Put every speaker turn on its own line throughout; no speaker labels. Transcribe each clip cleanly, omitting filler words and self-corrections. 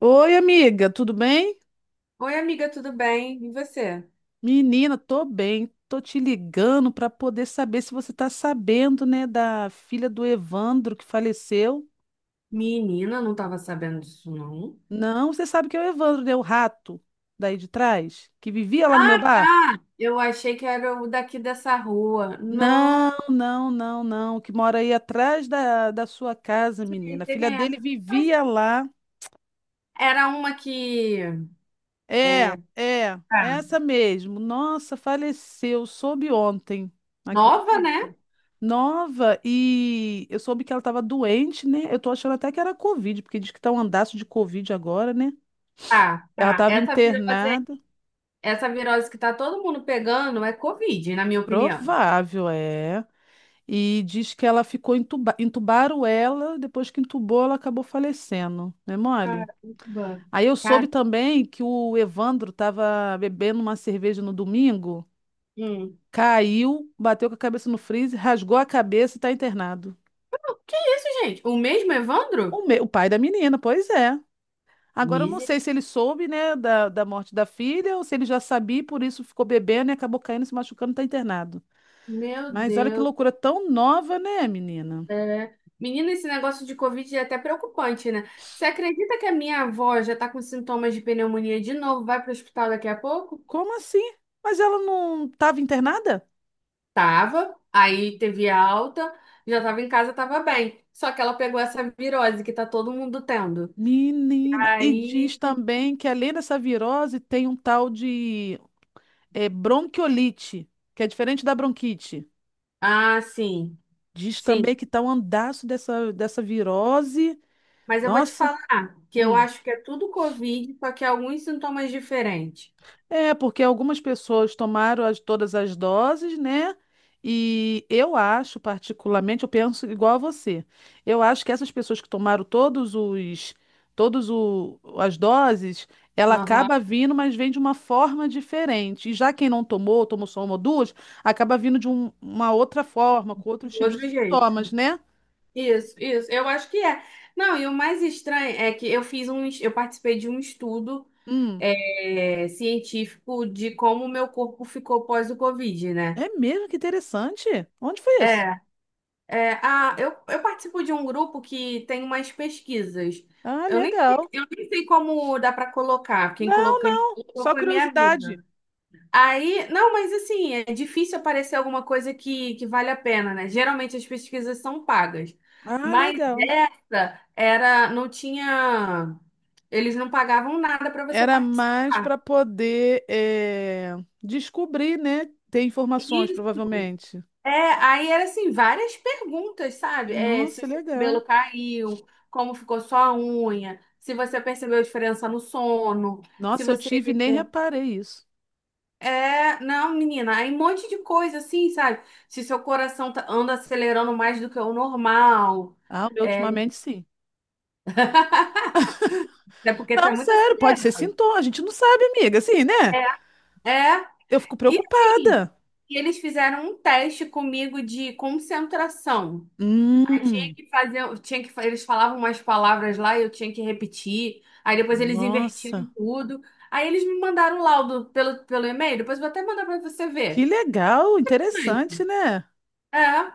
Oi, amiga, tudo bem?
Oi, amiga, tudo bem? E você?
Menina, tô bem. Tô te ligando para poder saber se você tá sabendo, né, da filha do Evandro que faleceu.
Menina, não tava sabendo disso, não.
Não, você sabe que é o Evandro, né, o rato daí de trás, que vivia lá no meu
Ah,
bar?
tá! Eu achei que era o daqui dessa rua.
Não,
Não,
não, não, não, que mora aí atrás da sua casa,
sei
menina. A filha
quem é.
dele
Mas
vivia lá.
era uma que
É,
é
é,
tá,
essa mesmo. Nossa, faleceu, soube ontem.
nova,
Acredita?
né?
Nova, e eu soube que ela estava doente, né? Eu tô achando até que era Covid, porque diz que tá um andaço de Covid agora, né?
Tá,
Ela
tá.
estava
Essa virose,
internada,
essa virose que tá todo mundo pegando é Covid, na minha opinião.
provável, é. E diz que ela ficou entubaram ela, depois que entubou, ela acabou falecendo, né, mole?
Caramba.
Aí eu soube
Cara,
também que o Evandro estava bebendo uma cerveja no domingo,
hum.
caiu, bateu com a cabeça no freezer, rasgou a cabeça e tá internado.
Que isso, gente? O mesmo Evandro?
O pai da menina, pois é. Agora eu não
Miser...
sei se ele soube, né, da morte da filha ou se ele já sabia e por isso ficou bebendo e acabou caindo, se machucando, tá internado.
Meu
Mas olha que
Deus.
loucura tão nova, né, menina?
É. Menina, esse negócio de Covid é até preocupante, né? Você acredita que a minha avó já tá com sintomas de pneumonia de novo? Vai pro hospital daqui a pouco?
Como assim? Mas ela não estava internada?
Tava, aí teve alta, já tava em casa, tava bem. Só que ela pegou essa virose que tá todo mundo tendo.
Menina, e diz
Aí.
também que além dessa virose tem um tal de bronquiolite, que é diferente da bronquite.
Ah, sim,
Diz
sim.
também que tá um andaço dessa virose.
Mas eu vou te
Nossa.
falar que eu
Hum.
acho que é tudo Covid, só que é alguns sintomas diferentes.
É, porque algumas pessoas tomaram todas as doses, né? E eu acho, particularmente, eu penso igual a você. Eu acho que essas pessoas que tomaram todos as doses, ela
Aham,
acaba vindo, mas vem de uma forma diferente. E já quem não tomou, tomou só uma ou duas, acaba vindo de uma outra forma, com outros
de
tipos de
outro
sintomas,
jeito.
né?
Isso, eu acho que é. Não, e o mais estranho é que eu eu participei de um estudo,
Hum,
é, científico de como o meu corpo ficou pós o Covid, né?
é mesmo, que interessante. Onde foi isso?
É, é a, eu participo de um grupo que tem umas pesquisas.
Ah, legal.
Eu nem sei como dá para colocar.
Não,
Quem colocou
só
foi minha
curiosidade.
amiga. Aí, não, mas assim, é difícil aparecer alguma coisa que vale a pena, né? Geralmente as pesquisas são pagas.
Ah,
Mas
legal.
essa era, não tinha, eles não pagavam nada para você
Era mais
participar.
para poder descobrir, né? Ter informações,
Isso.
provavelmente.
É, aí era assim, várias perguntas, sabe? É, se
Nossa,
o seu
legal.
cabelo caiu, como ficou sua unha, se você percebeu a diferença no sono, se
Nossa, eu
você
tive e nem reparei isso.
É, não, menina, aí um monte de coisa assim, sabe? Se seu anda acelerando mais do que o normal,
Ah, o meu
é,
ultimamente sim.
é porque tá
Não,
muito
sério, pode ser
acelerado.
sintoma. A gente não sabe, amiga, assim, né?
É, é,
Eu fico
e assim,
preocupada.
e eles fizeram um teste comigo de concentração. Aí tinha
Hum,
que fazer, eles falavam umas palavras lá e eu tinha que repetir. Aí depois eles invertiram
nossa,
tudo. Aí eles me mandaram o laudo pelo e-mail, depois eu vou até mandar pra você
que
ver.
legal, interessante, né?
É,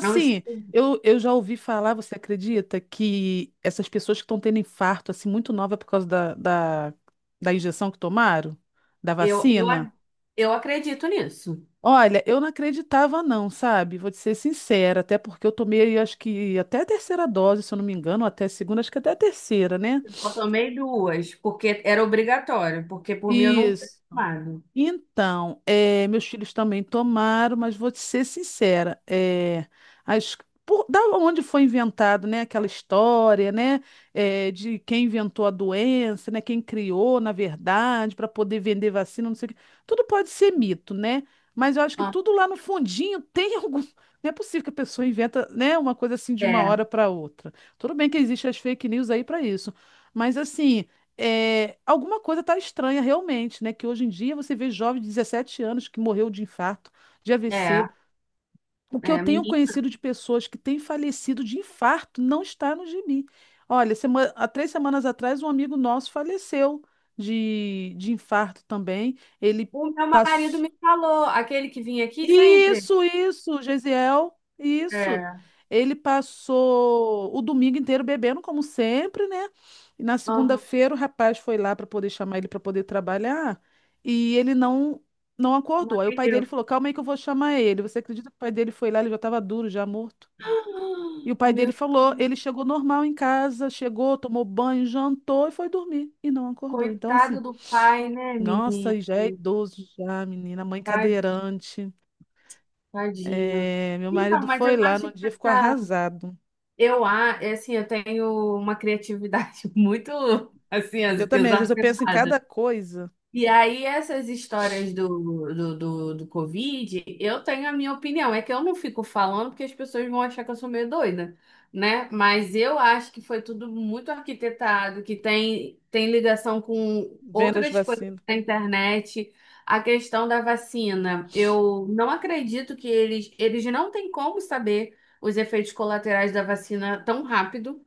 é um.
eu já ouvi falar, você acredita, que essas pessoas que estão tendo infarto, assim, muito nova por causa da injeção que tomaram, da
Eu, eu,
vacina?
a- eu acredito nisso.
Olha, eu não acreditava, não, sabe? Vou te ser sincera, até porque eu tomei, acho que até a terceira dose, se eu não me engano, ou até a segunda, acho que até a terceira, né?
Eu tomei duas, porque era obrigatório, porque por mim eu não teria
Isso.
tomado.
Então, meus filhos também tomaram, mas vou te ser sincera, as- da onde foi inventado, né, aquela história, né, de quem inventou a doença, né, quem criou, na verdade, para poder vender vacina, não sei o quê, tudo pode ser mito, né? Mas eu acho que
Ah,
tudo lá no fundinho tem algum. Não é possível que a pessoa inventa, né, uma coisa assim de uma
é,
hora para outra. Tudo bem que existem as fake news aí para isso, mas assim é, alguma coisa está estranha realmente, né? Que hoje em dia você vê jovens de 17 anos que morreu de infarto, de
é,
AVC. O que eu tenho
menina.
conhecido de pessoas que têm falecido de infarto não está no gibi. Olha, há três semanas atrás, um amigo nosso faleceu de infarto também. Ele
O meu marido
passou.
me falou, aquele que vinha aqui sempre.
Isso, Gesiel, isso.
É,
Ele passou o domingo inteiro bebendo, como sempre, né? E na
aham,
segunda-feira o rapaz foi lá para poder chamar ele para poder trabalhar e ele não
não
acordou. Aí o pai
atendeu.
dele falou: "Calma aí que eu vou chamar ele". Você acredita que o pai dele foi lá, ele já estava duro, já morto. E o pai dele
Meu,
falou, ele chegou normal em casa, chegou, tomou banho, jantou e foi dormir e não acordou. Então, assim,
coitado do pai, né,
nossa,
menina?
e já é idoso já, menina, mãe
Tad-
cadeirante.
Tadinho.
É, meu
Então,
marido
mas
foi
eu
lá
acho
no
que
dia, ficou
essa,
arrasado.
é assim, eu tenho uma criatividade muito, assim,
Eu também, às vezes eu penso em
exacerbada.
cada coisa,
E aí, essas histórias do Covid, eu tenho a minha opinião. É que eu não fico falando porque as pessoas vão achar que eu sou meio doida, né? Mas eu acho que foi tudo muito arquitetado, que tem ligação com
vendo as
outras coisas
vacinas.
da internet. A questão da vacina, eu não acredito que eles não têm como saber os efeitos colaterais da vacina tão rápido,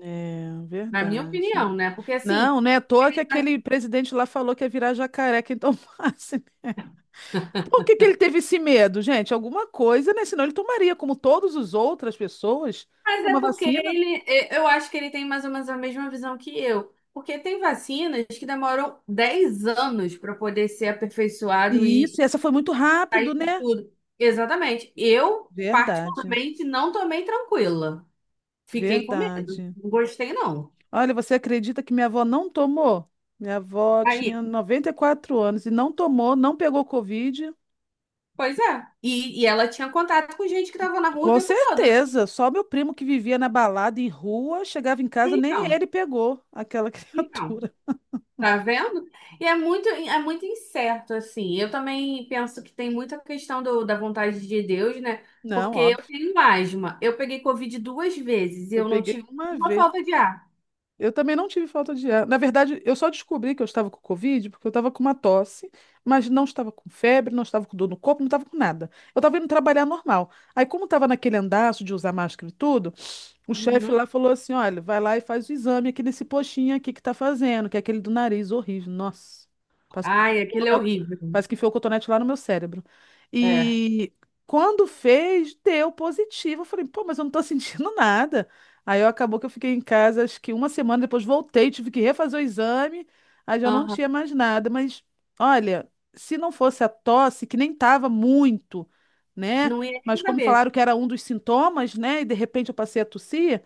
É,
na minha
verdade.
opinião, né? Porque assim.
Não, não é à toa que aquele presidente lá falou que ia virar jacaré quem tomasse. Por que que ele teve esse medo, gente? Alguma coisa, né? Senão ele tomaria, como todas as outras pessoas,
Mas é
uma
porque
vacina.
ele, eu acho que ele tem mais ou menos a mesma visão que eu. Porque tem vacinas que demoram 10 anos para poder ser aperfeiçoado
E isso, e
e
essa foi muito rápido,
sair de
né?
tudo. Exatamente. Eu,
Verdade,
particularmente, não tomei tranquila. Fiquei com medo.
verdade.
Não gostei, não.
Olha, você acredita que minha avó não tomou? Minha avó tinha
Aí,
94 anos e não tomou, não pegou Covid.
pois é. E ela tinha contato com gente que estava na rua o
Com
tempo todo, né?
certeza, só meu primo que vivia na balada em rua, chegava em casa, nem
Então,
ele pegou aquela
então.
criatura.
Tá vendo? E é muito incerto, assim. Eu também penso que tem muita questão da vontade de Deus, né?
Não,
Porque eu
óbvio.
tenho asma. Eu peguei Covid duas vezes e
Eu
eu não
peguei
tive
uma
uma
vez.
falta de ar.
Eu também não tive falta de ar. Na verdade, eu só descobri que eu estava com Covid porque eu estava com uma tosse, mas não estava com febre, não estava com dor no corpo, não estava com nada. Eu estava indo trabalhar normal. Aí, como estava naquele andaço de usar máscara e tudo, o chefe
Uhum.
lá falou assim: olha, vai lá e faz o exame aqui nesse postinho aqui que tá fazendo, que é aquele do nariz horrível. Nossa, parece que
Ai,
enfiou,
aquilo é
né?
horrível.
Parece que enfiou o cotonete lá no meu cérebro.
É.
E quando fez, deu positivo. Eu falei: pô, mas eu não tô sentindo nada. Aí eu, acabou que eu fiquei em casa, acho que uma semana depois voltei, tive que refazer o exame, aí já não
Aham.
tinha mais nada. Mas olha, se não fosse a tosse, que nem tava muito, né?
Não ia
Mas
nem
como
saber.
falaram que era um dos sintomas, né? E de repente eu passei a tossir,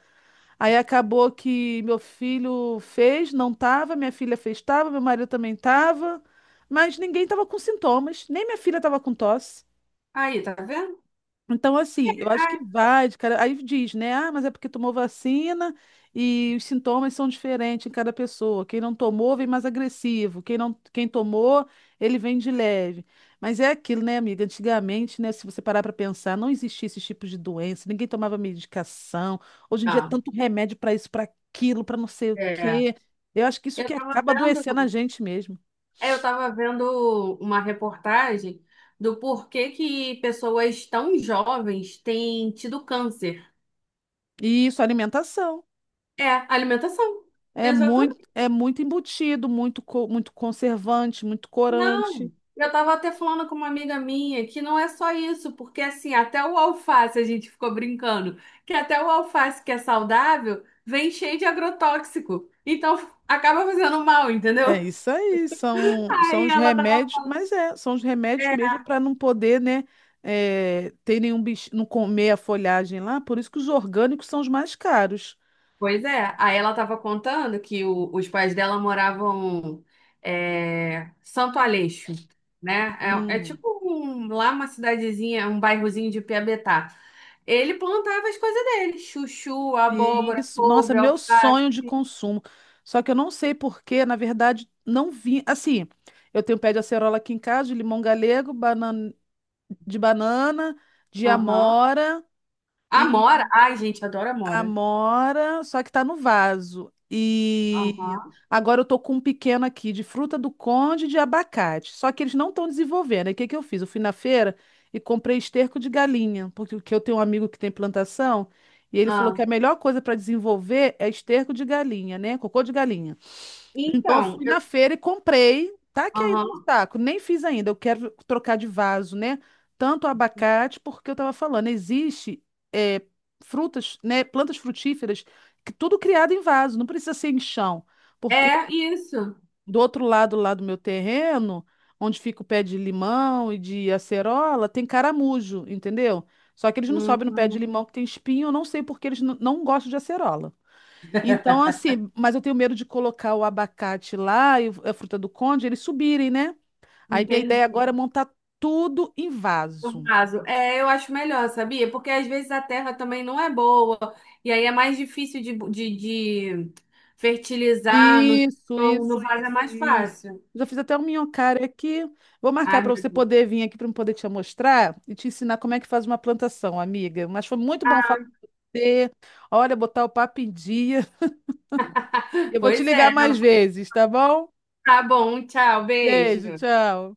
aí acabou que meu filho fez, não tava, minha filha fez, tava, meu marido também tava, mas ninguém tava com sintomas, nem minha filha tava com tosse.
Aí, tá vendo?
Então, assim, eu acho que
Ah,
vai, de cara. Aí diz, né? Ah, mas é porque tomou vacina e os sintomas são diferentes em cada pessoa. Quem não tomou vem mais agressivo. Quem não, quem tomou, ele vem de leve. Mas é aquilo, né, amiga? Antigamente, né, se você parar para pensar, não existia esse tipo de doença, ninguém tomava medicação. Hoje em dia, é
não.
tanto remédio para isso, para aquilo, para não sei o
É.
quê. Eu acho que isso
Eu
que
tava
acaba
vendo,
adoecendo a gente mesmo.
eu tava vendo uma reportagem do porquê que pessoas tão jovens têm tido câncer.
E isso, alimentação.
É, alimentação. Exatamente.
É muito embutido, muito, muito conservante, muito corante.
Não. Eu tava até falando com uma amiga minha que não é só isso, porque assim, até o alface a gente ficou brincando, que até o alface que é saudável vem cheio de agrotóxico. Então acaba fazendo mal,
É
entendeu?
isso aí, são, são
Aí
os
ela tava.
remédios, mas é, são os remédios mesmo para não poder, né, é, ter nenhum bicho, não comer a folhagem lá, por isso que os orgânicos são os mais caros.
Pois é, aí ela estava contando que os pais dela moravam, é, Santo Aleixo, né? É, é
Hum.
tipo lá uma cidadezinha, um bairrozinho de Piabetá. Ele plantava as coisas dele. Chuchu, abóbora,
Isso, nossa,
couve,
meu
alface.
sonho de consumo. Só que eu não sei porquê, na verdade, não vi. Assim, eu tenho pé de acerola aqui em casa, de limão galego, banana, de banana, de
Aham.
amora.
Amora. Ai, gente, adoro amora.
Amora, só que tá no vaso. E
Aham.
agora eu tô com um pequeno aqui de fruta do conde e de abacate. Só que eles não estão desenvolvendo. Aí o que que eu fiz? Eu fui na feira e comprei esterco de galinha, porque o que eu tenho um amigo que tem plantação e ele falou que a
Ah.
melhor coisa para desenvolver é esterco de galinha, né? Cocô de galinha. Então, eu
Então,
fui
eu...
na feira e comprei. Tá aqui ainda no
Aham.
saco. Nem fiz ainda. Eu quero trocar de vaso, né? Tanto abacate, porque eu tava falando, existe é, frutas, né? Plantas frutíferas, que tudo criado em vaso, não precisa ser em chão. Porque
É isso.
do outro lado lá do meu terreno, onde fica o pé de limão e de acerola, tem caramujo, entendeu? Só que eles não sobem no pé de
Hum,
limão que tem espinho, eu não sei porque eles não gostam de acerola. Então, assim, mas eu tenho medo de colocar o abacate lá e a fruta do conde, eles subirem, né? Aí minha ideia
entendi.
agora é montar tudo em
No
vaso.
caso, é, eu acho melhor, sabia? Porque às vezes a terra também não é boa. E aí é mais difícil de fertilizar no
Isso,
chão.
isso,
No vaso é
isso,
mais
isso.
fácil.
Já fiz até um minhocário aqui. Vou marcar
Ai, meu
para você
Deus.
poder vir aqui para eu poder te mostrar e te ensinar como é que faz uma plantação, amiga. Mas foi muito bom falar
Ah,
com você. Olha, botar o papo em dia. Eu vou te
pois
ligar
é.
mais
Não.
vezes, tá bom?
Tá bom. Tchau.
Beijo,
Beijo.
tchau.